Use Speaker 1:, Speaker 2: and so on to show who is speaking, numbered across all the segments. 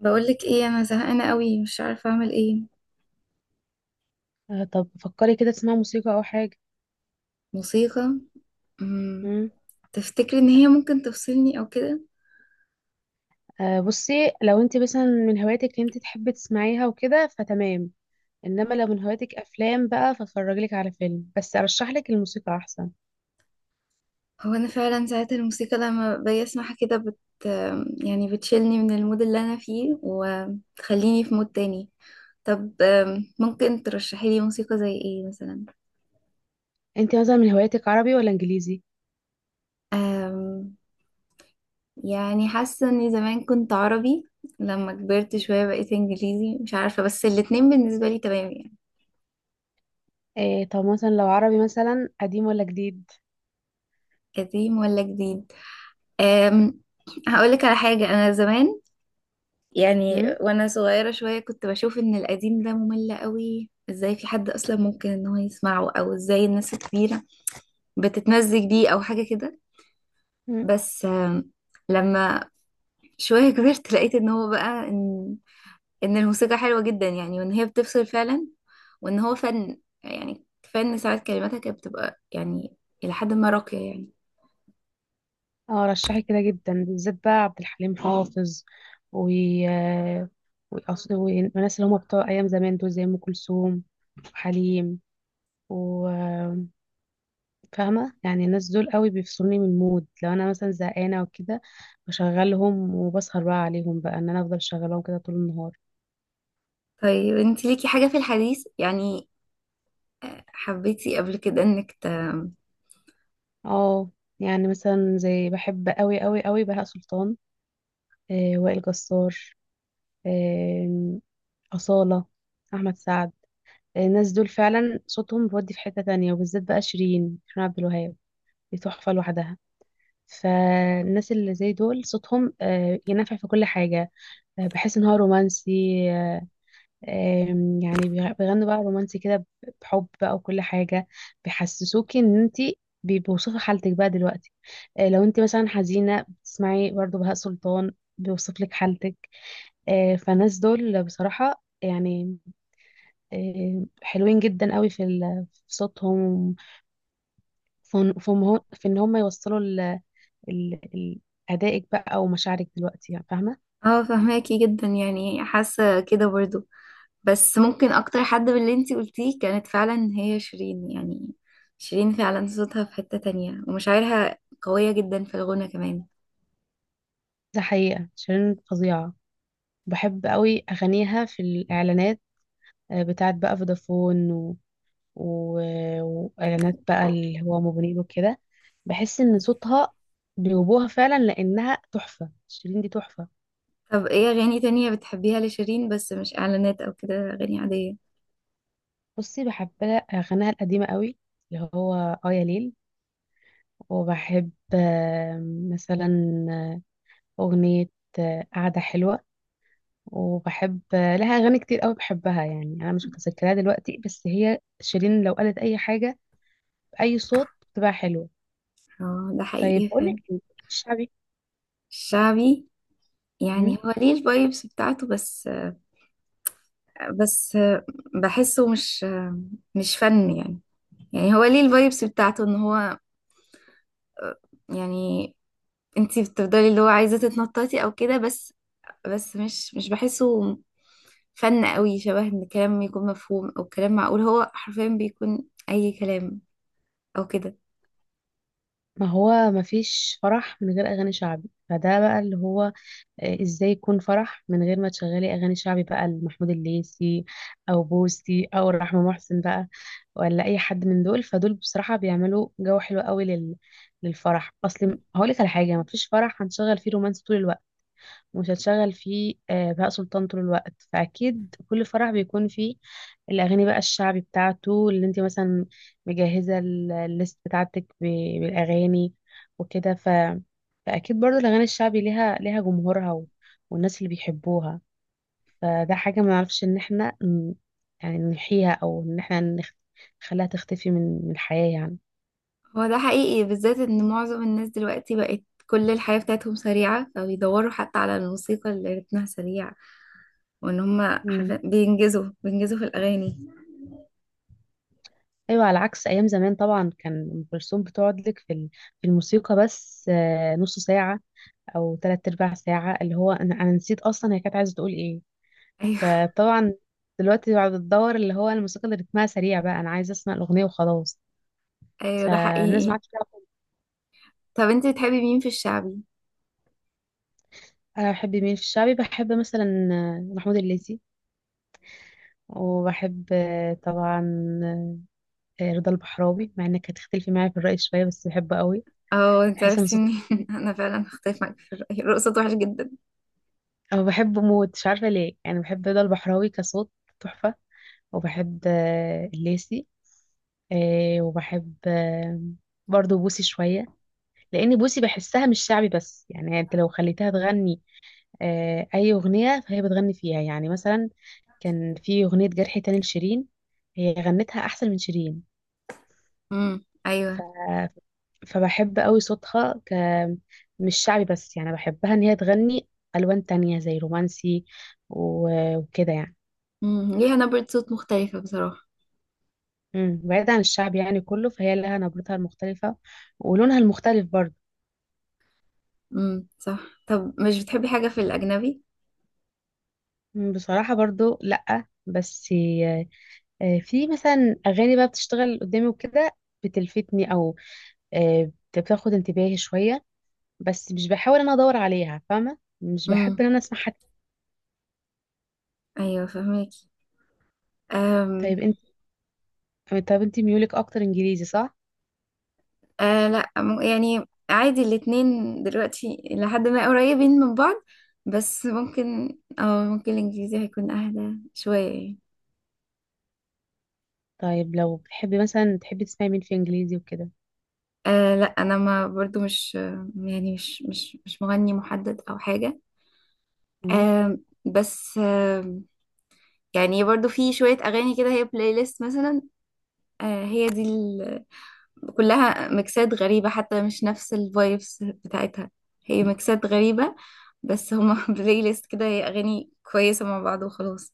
Speaker 1: بقولك ايه، انا زهقانه قوي، مش عارفه اعمل ايه.
Speaker 2: آه، طب فكري كده تسمعي موسيقى او حاجه.
Speaker 1: موسيقى. امم.
Speaker 2: مم.
Speaker 1: تفتكري ان هي ممكن تفصلني او كده؟
Speaker 2: آه، بصي. لو انت مثلا من هواياتك انت تحبي تسمعيها وكده فتمام. انما لو من هواياتك افلام بقى فاتفرجلك على فيلم، بس ارشح لك الموسيقى احسن.
Speaker 1: هو انا فعلا ساعات الموسيقى لما باجي اسمعها كده يعني بتشيلني من المود اللي انا فيه وتخليني في مود تاني. طب، ممكن ترشحي لي موسيقى زي ايه مثلا؟
Speaker 2: انت مثلا من هواياتك عربي ولا انجليزي؟
Speaker 1: أم، يعني حاسه اني زمان كنت عربي. لما كبرت شويه بقيت انجليزي، مش عارفه، بس الاتنين بالنسبه لي تمام يعني.
Speaker 2: إيه، طب مثلا لو عربي مثلا قديم ولا جديد؟
Speaker 1: قديم ولا جديد. أم هقولك على حاجة. أنا زمان، يعني
Speaker 2: مم.
Speaker 1: وأنا صغيرة شوية، كنت بشوف إن القديم ده ممل قوي، إزاي في حد أصلا ممكن إن هو يسمعه، أو إزاي الناس الكبيرة بتتمزج بيه أو حاجة كده.
Speaker 2: مم.
Speaker 1: بس لما شوية كبرت لقيت إن هو بقى إن الموسيقى حلوة جدا يعني، وإن هي بتفصل فعلا، وإن هو فن، يعني فن ساعات كلماتها كانت بتبقى يعني إلى حد ما راقية يعني.
Speaker 2: اه، رشحي كده جدا بالذات بقى عبد الحليم حافظ و آه، والناس اللي هم بتوع ايام زمان دول زي ام كلثوم وحليم. فاهمة، يعني الناس دول قوي بيفصلوني من المود لو انا مثلا زهقانة وكده. بشغلهم وبسهر بقى عليهم، بقى ان انا افضل شغلهم كده طول النهار.
Speaker 1: طيب، انت ليكي حاجة في الحديث يعني، حبيتي قبل كده انك
Speaker 2: اه، يعني مثلا زي بحب قوي قوي قوي بهاء سلطان، وائل جسار، آه أصالة، أحمد سعد. الناس دول فعلا صوتهم بيودي في حتة تانية، وبالذات بقى شيرين، شيرين عبد الوهاب. دي تحفة لوحدها. فالناس اللي زي دول صوتهم ينفع في كل حاجة. بحس ان هو رومانسي. آه، آم، يعني بيغنوا بقى رومانسي كده بحب بقى وكل حاجة. بيحسسوكي ان انت، بيوصفوا حالتك بقى دلوقتي. لو انت مثلا حزينة بتسمعي برضو بهاء سلطان بيوصف لك حالتك. فالناس دول بصراحة، يعني حلوين جدا قوي في في صوتهم. في إن هم يوصلوا ال ال- أدائك بقى ومشاعرك دلوقتي، يعني فاهمة.
Speaker 1: اه، فهماكي جدا يعني، حاسه كده برضو. بس ممكن اكتر حد من اللي انتي قلتيه كانت فعلا هي شيرين يعني. شيرين فعلا صوتها في حته تانية، ومشاعرها قويه جدا في الغنى كمان.
Speaker 2: ده حقيقة شيرين فظيعة. بحب قوي أغانيها في الإعلانات. بتاعت بقى فودافون و... وإعلانات بقى اللي هو موبينيل وكده. بحس إن صوتها جاوبوها فعلا لأنها تحفة. شيرين دي تحفة.
Speaker 1: طب ايه اغاني تانية بتحبيها لشيرين، بس مش اعلانات او كده، اغاني عاديه؟
Speaker 2: بصي بحب أغانيها القديمة قوي، اللي هو يا ليل. وبحب مثلا آه، أغنية قعدة حلوة. وبحب لها أغاني كتير قوي بحبها، يعني أنا مش متذكرها دلوقتي. بس هي شيرين لو قالت أي حاجة بأي صوت بتبقى حلوة.
Speaker 1: اه، ده
Speaker 2: طيب
Speaker 1: حقيقي
Speaker 2: أقولك
Speaker 1: فعلا.
Speaker 2: إيه، الشعبي.
Speaker 1: الشعبي، يعني
Speaker 2: مم.
Speaker 1: هو ليه الفايبس بتاعته، بس بحسه مش فن يعني. يعني هو ليه الفايبس بتاعته، ان هو يعني انتي بتفضلي اللي هو عايزة تتنططي او كده، بس مش بحسه فن قوي، شبه ان كلام يكون مفهوم او كلام معقول، هو حرفيا بيكون اي كلام او كده.
Speaker 2: ما هو ما فيش فرح من غير اغاني شعبي. فده بقى اللي هو، ازاي يكون فرح من غير ما تشغلي اغاني شعبي بقى لمحمود الليثي او بوسي او رحمة محسن بقى، ولا اي حد من دول. فدول بصراحة بيعملوا جو حلو قوي للفرح. اصل هقولك على حاجة، ما فيش فرح هنشغل فيه رومانس طول الوقت. مش هتشغل فيه بهاء سلطان طول الوقت. فأكيد كل فرح بيكون فيه الأغاني بقى الشعبي بتاعته، اللي انت مثلا مجهزة الليست بتاعتك بالأغاني وكده. فأكيد برضو الأغاني الشعبي ليها جمهورها، والناس اللي بيحبوها. فده حاجة ما نعرفش إن احنا يعني نحيها، أو إن احنا نخليها تختفي من الحياة يعني.
Speaker 1: هو ده حقيقي، بالذات ان معظم الناس دلوقتي بقت كل الحياة بتاعتهم سريعة، فبيدوروا حتى على الموسيقى اللي رتمها سريع، وان هما
Speaker 2: مم.
Speaker 1: حرفيا بينجزوا بينجزوا في الاغاني.
Speaker 2: أيوة، على عكس أيام زمان طبعا كان أم كلثوم بتقعد لك في في الموسيقى بس نص ساعة او تلات ارباع ساعة، اللي هو انا نسيت اصلا هي كانت عايزة تقول ايه.
Speaker 1: ايوه،
Speaker 2: فطبعا دلوقتي بعد الدور اللي هو الموسيقى اللي رتمها سريع، بقى انا عايزة اسمع الاغنية وخلاص.
Speaker 1: ايوه، ده
Speaker 2: فالناس ما
Speaker 1: حقيقي.
Speaker 2: عادش تعرف.
Speaker 1: طب انتي بتحبي مين في الشعبي؟
Speaker 2: انا بحب مين في الشعبي؟ بحب مثلا محمود الليثي، وبحب طبعا رضا البحراوي. مع انك هتختلفي معايا في الرأي شوية، بس بحبه قوي.
Speaker 1: اه، انت
Speaker 2: بحس ان
Speaker 1: عرفتي
Speaker 2: صوته،
Speaker 1: منين؟ انا فعلا هختلف معاك في الرأي، الرقصة وحش جدا.
Speaker 2: أو بحبه موت مش عارفة ليه. يعني بحب رضا البحراوي كصوت تحفة. وبحب الليثي، وبحب برضو بوسي شوية، لأن بوسي بحسها مش شعبي بس. يعني أنت لو خليتها تغني أي أغنية فهي بتغني فيها. يعني مثلا كان في أغنية جرح تاني لشيرين، هي غنتها أحسن من شيرين.
Speaker 1: امم، ايوه.
Speaker 2: ف... فبحب قوي صوتها مش شعبي بس. يعني بحبها إن هي تغني ألوان تانية زي رومانسي و... وكده يعني.
Speaker 1: مم. ليها نبرة صوت مختلفة بصراحة.
Speaker 2: بعيد عن الشعب يعني كله، فهي لها نبرتها المختلفة ولونها المختلف برضو.
Speaker 1: امم، صح. طب مش بتحبي حاجة في الأجنبي؟
Speaker 2: بصراحة برضو لأ، بس في مثلا أغاني بقى بتشتغل قدامي وكده بتلفتني، أو آه، بتاخد انتباهي شوية. بس مش بحاول إن أنا أدور عليها، فاهمة؟ مش بحب
Speaker 1: امم،
Speaker 2: إن أنا أسمعها.
Speaker 1: أيوة، فهماكي. أم...
Speaker 2: طيب أنت طيب أنت ميولك أكتر إنجليزي صح؟
Speaker 1: أه، لا، يعني عادي، الاتنين دلوقتي لحد ما قريبين من بعض. بس ممكن الإنجليزي هيكون أهدى شوية يعني.
Speaker 2: طيب لو بتحبي مثلا تحبي تسمعي مين في إنجليزي وكده؟
Speaker 1: أه، لا، أنا ما، برضو مش يعني مش مغني محدد أو حاجة. بس يعني برضو في شوية أغاني كده، هي بلاي ليست مثلا. أه، هي دي كلها ميكسات غريبة، حتى مش نفس الفايبس بتاعتها، هي ميكسات غريبة. بس هما بلاي ليست كده، هي أغاني كويسة مع بعض وخلاص.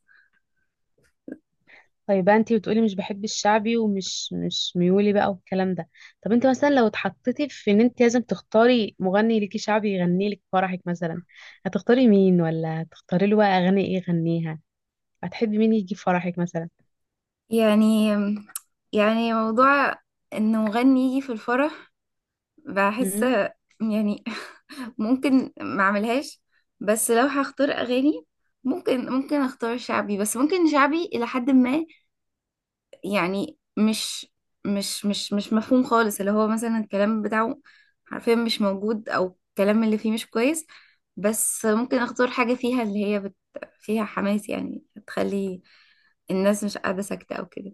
Speaker 2: طيب بقى انت بتقولي مش بحب الشعبي، ومش مش ميولي بقى والكلام ده. طب انت مثلا لو اتحطيتي في ان انت لازم تختاري مغني ليكي شعبي يغني لك فرحك مثلا، هتختاري مين؟ ولا هتختاري له بقى اغاني ايه يغنيها؟ هتحبي مين يجي فرحك مثلا؟
Speaker 1: يعني يعني موضوع إنه مغني يجي في الفرح، بحس
Speaker 2: امم
Speaker 1: يعني ممكن ما اعملهاش. بس لو هختار أغاني، ممكن اختار شعبي، بس ممكن شعبي إلى حد ما. يعني مش مفهوم خالص، اللي هو مثلا الكلام بتاعه حرفيا مش موجود، او الكلام اللي فيه مش كويس. بس ممكن اختار حاجة فيها اللي هي فيها حماس يعني، تخلي الناس مش قاعدة ساكتة او كده.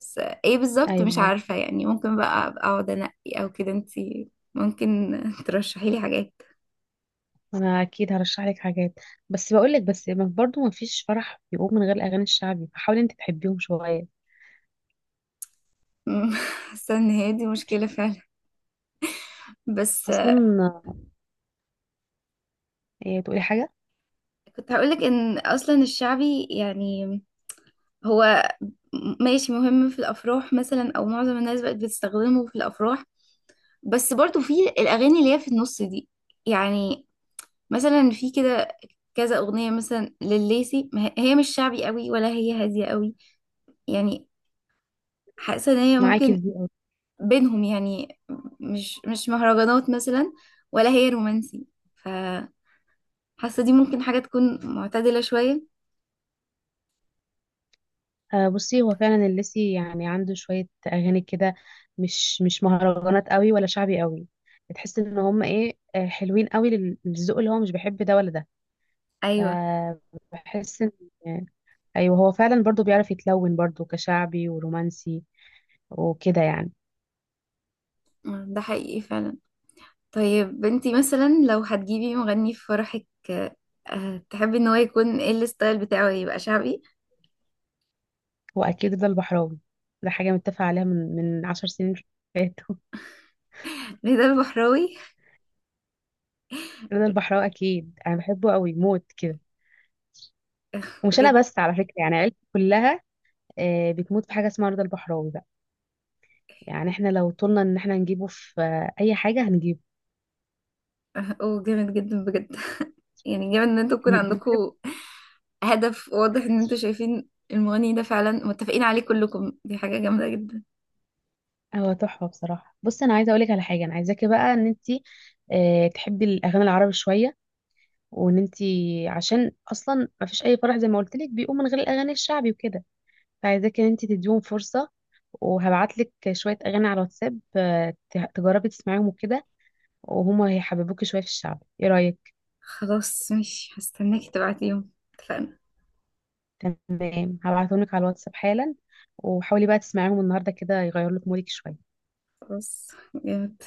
Speaker 1: بس ايه بالظبط
Speaker 2: ايوه،
Speaker 1: مش
Speaker 2: ايوه،
Speaker 1: عارفة يعني. ممكن بقى أبقى اقعد انقي او كده. انتي ممكن ترشحي لي حاجات.
Speaker 2: انا اكيد هرشح لك حاجات. بس بقول لك، بس برضو ما فيش فرح بيقوم من غير الاغاني الشعبي، فحاولي انت تحبيهم شويه.
Speaker 1: حاسة ان هي دي مشكلة فعلا بس.
Speaker 2: اصلا، ايه تقولي حاجه؟
Speaker 1: كنت هقولك ان اصلا الشعبي يعني، هو ماشي مهم في الافراح مثلا، او معظم الناس بقت بتستخدمه في الافراح. بس برضو في الاغاني اللي هي في النص دي، يعني مثلا في كده كذا اغنيه مثلا لليسي، ما هي مش شعبي قوي ولا هي هاديه قوي يعني. حاسه ان هي
Speaker 2: معاكي
Speaker 1: ممكن
Speaker 2: في دي.
Speaker 1: بينهم يعني، مش مهرجانات مثلا ولا هي رومانسي. فحاسه دي ممكن حاجه تكون معتدله شويه.
Speaker 2: بصي هو فعلا الليسي يعني عنده شوية أغاني كده، مش مهرجانات قوي ولا شعبي قوي. بتحس ان هم ايه، حلوين قوي للذوق اللي هو مش بيحب ده ولا ده.
Speaker 1: ايوه،
Speaker 2: فبحس ان آه، ايوه، هو فعلا برضو بيعرف يتلون برضو كشعبي ورومانسي وكده يعني.
Speaker 1: ده حقيقي فعلا. طيب، انتي مثلا لو هتجيبي مغني في فرحك، تحبي ان هو يكون ايه الستايل بتاعه، يبقى شعبي؟
Speaker 2: هو اكيد رضا البحراوي. ده حاجة متفق عليها من 10 سنين فاتوا.
Speaker 1: رضا البحراوي؟
Speaker 2: رضا البحراوي اكيد انا بحبه قوي موت كده، ومش
Speaker 1: بجد؟
Speaker 2: انا بس على فكرة، يعني عيلتي كلها بتموت في حاجة اسمها رضا البحراوي. يعني احنا لو طولنا ان احنا نجيبه في اي حاجه هنجيبه.
Speaker 1: آه، اوه، جامد جدا بجد. يعني جامد ان انتوا يكون
Speaker 2: بحب.
Speaker 1: عندكم هدف واضح، ان انتوا شايفين المغني ده فعلا متفقين عليه كلكم، دي حاجة جامدة جدا.
Speaker 2: هو تحفه بصراحه. بصي انا عايزه اقولك على حاجه، انا عايزاكي بقى ان انت تحبي الاغاني العربي شويه، وان انت، عشان اصلا ما فيش اي فرح زي ما قلت لك بيقوم من غير الاغاني الشعبي وكده، فعايزاكي ان انت تديهم فرصه. وهبعت لك شويه اغاني على الواتساب، تجربي تسمعيهم وكده، وهما هيحببوكي شويه في الشعب. ايه رايك؟
Speaker 1: خلاص، ماشي، هستناكي تبعتيهم، اتفقنا.
Speaker 2: تمام هبعتهم لك على الواتساب حالا. وحاولي بقى تسمعيهم النهارده كده يغيروا لك مودك شويه.
Speaker 1: خلاص، جامد.